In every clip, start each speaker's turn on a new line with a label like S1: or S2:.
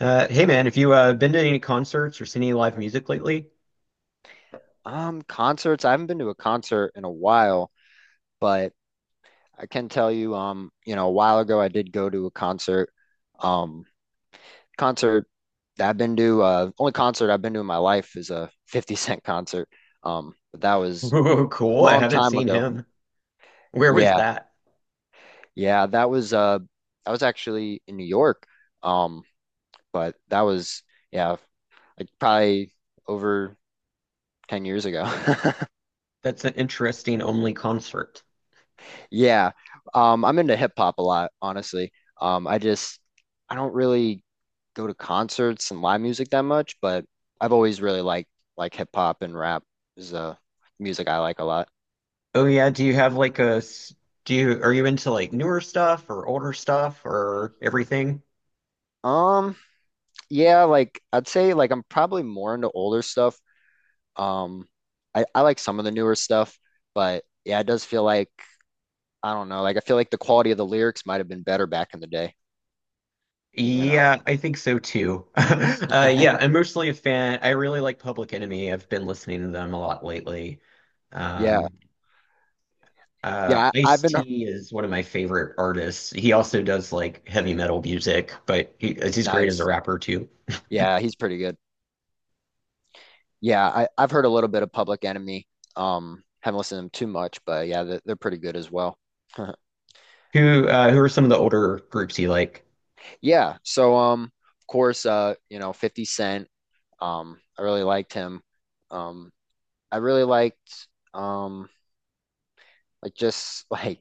S1: Hey man, have you been to any concerts or seen any live music lately?
S2: Concerts. I haven't been to a concert in a while, but I can tell you, a while ago I did go to a concert. Um, concert that I've been to, only concert I've been to in my life is a 50 Cent concert. But that was
S1: Ooh,
S2: a
S1: cool. I
S2: long
S1: haven't
S2: time
S1: seen
S2: ago.
S1: him. Where was
S2: Yeah,
S1: that?
S2: yeah, that was I was actually in New York. Um, but that was yeah, like probably over 10 years ago.
S1: That's an interesting only concert.
S2: Yeah. I'm into hip hop a lot, honestly. Um, I just I don't really go to concerts and live music that much, but I've always really liked like hip hop and rap is music I like a lot.
S1: Oh yeah, do you have like do you are you into like newer stuff or older stuff or everything?
S2: Um, yeah, I'd say like I'm probably more into older stuff. Um, I like some of the newer stuff, but yeah, it does feel like I don't know, like I feel like the quality of the lyrics might have been better back in the day, you know.
S1: Yeah, I think so too. Yeah, I'm mostly a fan. I really like Public Enemy. I've been listening to them a lot lately.
S2: Yeah.
S1: Um,
S2: Yeah, I've been
S1: Ice-T is one of my favorite artists. He also does like heavy metal music, but he's great as a
S2: nice.
S1: rapper too.
S2: Yeah, he's pretty good. Yeah, I've heard a little bit of Public Enemy. Haven't listened to them too much, but yeah, they're pretty good as well.
S1: Who are some of the older groups you like?
S2: Yeah, of course, 50 Cent. I really liked him. Um, I really liked um, like just like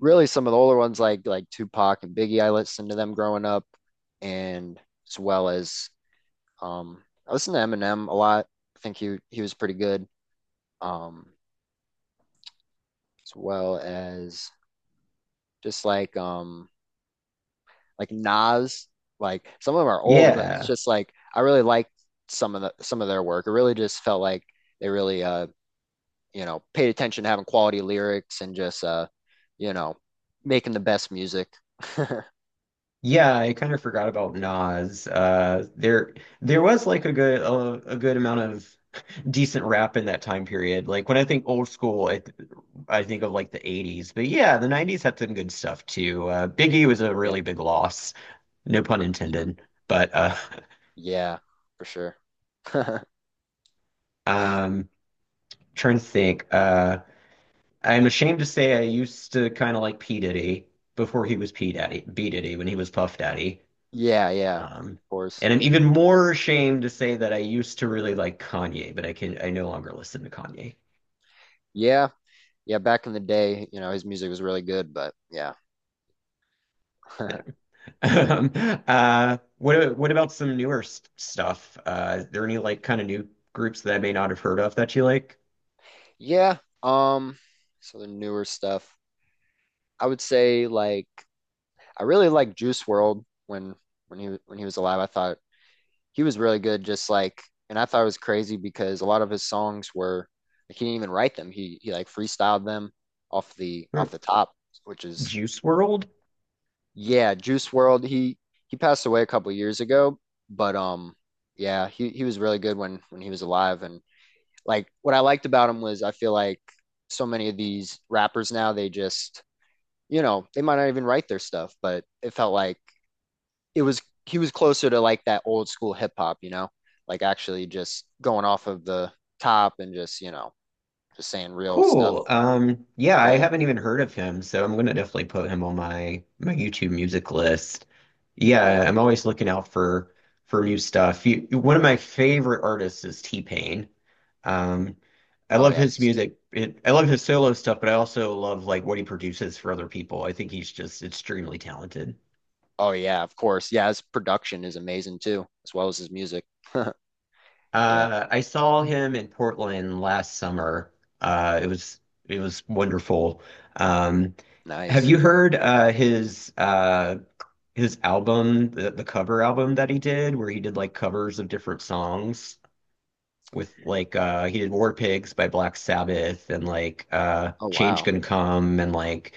S2: really some of the older ones like Tupac and Biggie. I listened to them growing up, and as well as I listened to Eminem a lot. I think he was pretty good. Um, as well as just like Nas, like some of them are old, but it's
S1: Yeah.
S2: just like I really liked some of their work. It really just felt like they really you know paid attention to having quality lyrics and just you know making the best music.
S1: Yeah, I kind of forgot about Nas. There was like a good amount of decent rap in that time period. Like when I think old school, I think of like the 80s. But yeah, the 90s had some good stuff too. Biggie was a
S2: Yeah.
S1: really big loss, no pun
S2: Mhm.
S1: intended. But
S2: Yeah, for sure.
S1: um trying to think. I'm ashamed to say I used to kind of like P. Diddy before he was P. Daddy, B. Diddy when he was Puff Daddy.
S2: Yeah, yeah, of
S1: Um,
S2: course.
S1: and I'm even more ashamed to say that I used to really like Kanye, but I no longer listen to Kanye.
S2: Yeah, yeah, back in the day, you know, his music was really good, but yeah.
S1: Um, what about some newer stuff? Is there any like kind of new groups that I may not have heard of that you like?
S2: Yeah, so the newer stuff. I would say like I really liked Juice World when he was alive. I thought he was really good. Just like, and I thought it was crazy because a lot of his songs were like he didn't even write them. He like freestyled them
S1: Hmm.
S2: off the top, which is
S1: Juice World?
S2: yeah. Juice World. He passed away a couple years ago, but yeah, he was really good when he was alive. And like what I liked about him was I feel like so many of these rappers now they just you know they might not even write their stuff, but it felt like it was he was closer to like that old school hip hop, you know, like actually just going off of the top and just you know just saying real stuff.
S1: Cool. Yeah, I
S2: Yeah,
S1: haven't even heard of him, so I'm gonna definitely put him on my YouTube music list.
S2: yeah.
S1: Yeah, I'm always looking out for new stuff. You, one of my favorite artists is T-Pain. Um, I
S2: Oh
S1: love
S2: yeah.
S1: his
S2: he's-
S1: music. I love his solo stuff, but I also love like what he produces for other people. I think he's just extremely talented.
S2: oh yeah. Of course. Yeah, his production is amazing too, as well as his music. Yeah,
S1: I saw him in Portland last summer. Uh, it was it was wonderful. Um, have
S2: nice.
S1: you heard his album, the cover album that he did, where he did like covers of different songs? With like he did War Pigs by Black Sabbath and like
S2: Oh
S1: Change
S2: wow,
S1: Can Come and like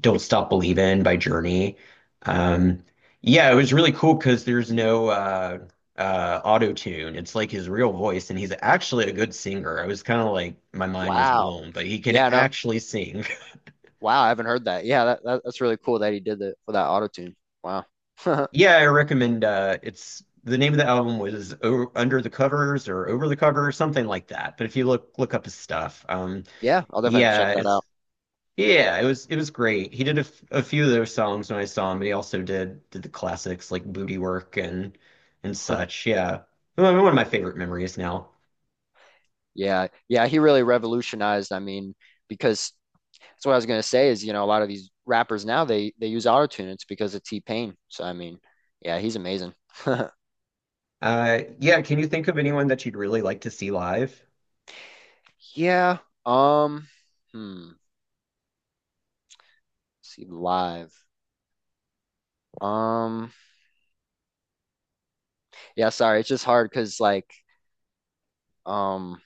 S1: Don't Stop Believin' by Journey. Um yeah, it was really cool because there's no auto tune. It's like his real voice and he's actually a good singer. I was kind of like my mind was
S2: wow.
S1: blown, but he can
S2: Yeah, no,
S1: actually sing.
S2: wow. I haven't heard that. Yeah, that's really cool that he did that for that auto tune. Wow.
S1: Yeah, I recommend it's the name of the album was o Under the Covers or Over the Cover or something like that. But if you look up his stuff.
S2: Yeah, I'll definitely have to check
S1: Yeah,
S2: that
S1: it's
S2: out.
S1: yeah, it was great. He did a few of those songs when I saw him, but he also did the classics like Booty Work and such. Yeah. One of my favorite memories now.
S2: Yeah, yeah. He really revolutionized. I mean, because that's what I was gonna say is, you know, a lot of these rappers now they use auto tune. It's because of T-Pain. So I mean, yeah, he's amazing.
S1: Yeah, can you think of anyone that you'd really like to see live?
S2: Yeah. Um, hmm. See live. Um, yeah, sorry, it's just hard because um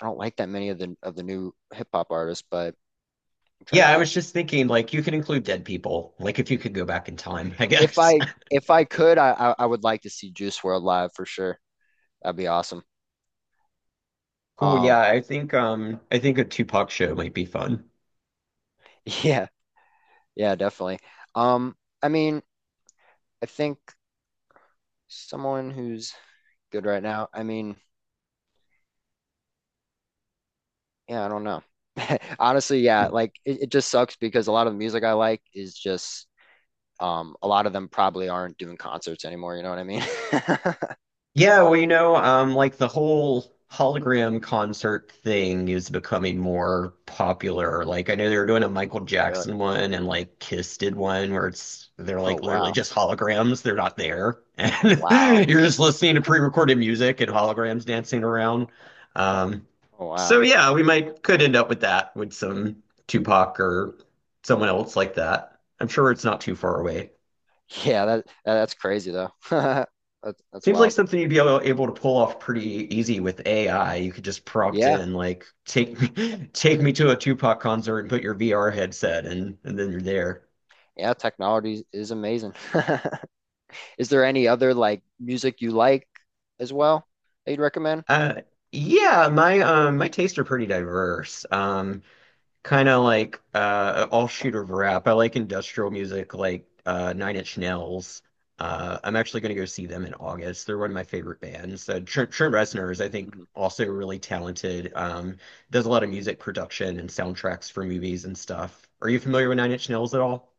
S2: I don't like that many of the new hip hop artists, but I'm trying
S1: Yeah,
S2: to
S1: I
S2: think.
S1: was just thinking like you can include dead people, like if you could go back in time, I
S2: If
S1: guess.
S2: I if I could, I would like to see Juice World live for sure. That'd be awesome.
S1: Cool,
S2: Um,
S1: yeah, I think a Tupac show might be fun.
S2: yeah, yeah, definitely. Um, I mean, I think someone who's good right now. I mean, yeah, I don't know. Honestly, yeah, it just sucks because a lot of the music I like is just a lot of them probably aren't doing concerts anymore, you know what I mean?
S1: Yeah, well, you know, like the whole hologram concert thing is becoming more popular. Like I know they were doing a Michael
S2: Really?
S1: Jackson one and like Kiss did one where it's they're
S2: Oh
S1: like literally
S2: wow.
S1: just holograms, they're not there.
S2: Wow.
S1: And you're just listening to pre-recorded music and holograms dancing around. Um,
S2: Oh
S1: so
S2: wow.
S1: yeah, we might could end up with that with some Tupac or someone else like that. I'm sure it's not too far away.
S2: Yeah, that's crazy though. That's
S1: Seems like
S2: wild.
S1: something you'd be able to pull off pretty easy with AI. You could just prompt
S2: Yeah.
S1: in like take me take me to a Tupac concert and put your VR headset and then you're there.
S2: Yeah, technology is amazing. Is there any other like music you like as well that you'd recommend?
S1: Uh yeah, my my tastes are pretty diverse. Kind of like all shooter rap. I like industrial music like Nine Inch Nails. I'm actually going to go see them in August. They're one of my favorite bands. Trent Reznor is I think
S2: Mhm.
S1: also really talented. Does a lot of music production and soundtracks for movies and stuff. Are you familiar with Nine Inch Nails at all?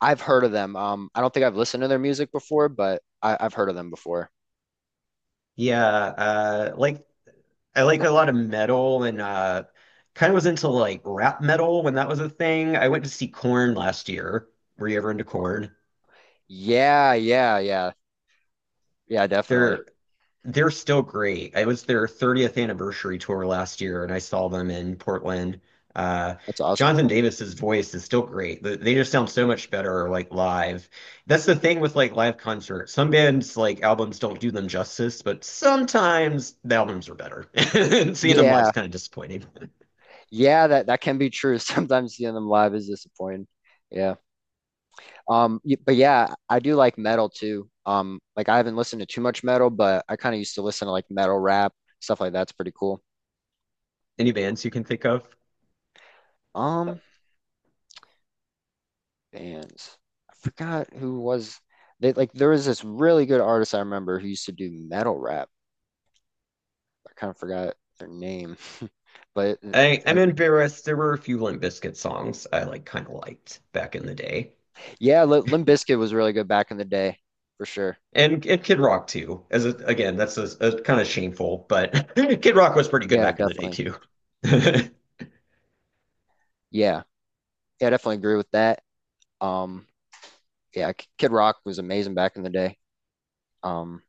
S2: I've heard of them. I don't think I've listened to their music before, but I've heard of them before.
S1: Yeah, like I like a lot of metal and kind of was into like rap metal when that was a thing. I went to see Corn last year. Were you ever into Corn?
S2: Yeah, Yeah, definitely.
S1: They're They're still great. It was their 30th anniversary tour last year, and I saw them in Portland. Uh,
S2: That's awesome.
S1: Jonathan Davis's voice is still great. They just sound so much better, like live. That's the thing with like live concerts. Some bands like albums don't do them justice, but sometimes the albums are better. And seeing them live is
S2: Yeah.
S1: kind of disappointing.
S2: Yeah, that that can be true. Sometimes seeing them live is disappointing. Yeah. But yeah, I do like metal too. Like I haven't listened to too much metal, but I kind of used to listen to like metal rap, stuff like that's pretty cool.
S1: Any bands you can think of?
S2: Um bands. I forgot who was they like there was this really good artist I remember who used to do metal rap. I kind of forgot their name. But
S1: I'm
S2: like
S1: embarrassed. There were a few Limp Bizkit songs I kind of liked back in the day.
S2: yeah, Limp Bizkit was really good back in the day for sure.
S1: And Kid Rock too. Again, that's a kind of shameful, but Kid Rock was pretty good
S2: Yeah,
S1: back in the day
S2: definitely.
S1: too. I'm
S2: Yeah. Yeah, I definitely agree with that. Um, yeah, Kid Rock was amazing back in the day. Um,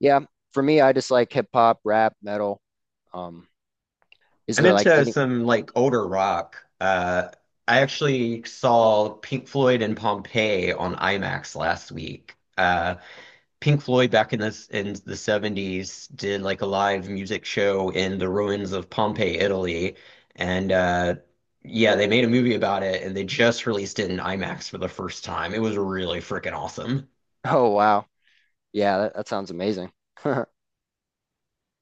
S2: yeah, for me, I just like hip hop, rap, metal. Um, is there like
S1: into
S2: any?
S1: some like older rock. I actually saw Pink Floyd and Pompeii on IMAX last week. Pink Floyd back in this in the 70s did like a live music show in the ruins of Pompeii, Italy, and yeah, they made a movie about it, and they just released it in IMAX for the first time. It was really freaking awesome.
S2: Oh, wow. Yeah, that sounds amazing.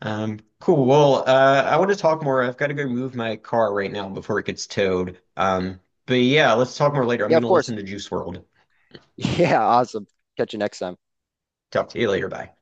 S1: Cool. Well, I want to talk more. I've got to go move my car right now before it gets towed. But yeah, let's talk more later. I'm
S2: Yeah,
S1: going
S2: of
S1: to
S2: course.
S1: listen to Juice World.
S2: Yeah, awesome. Catch you next time.
S1: Talk to you later. Bye.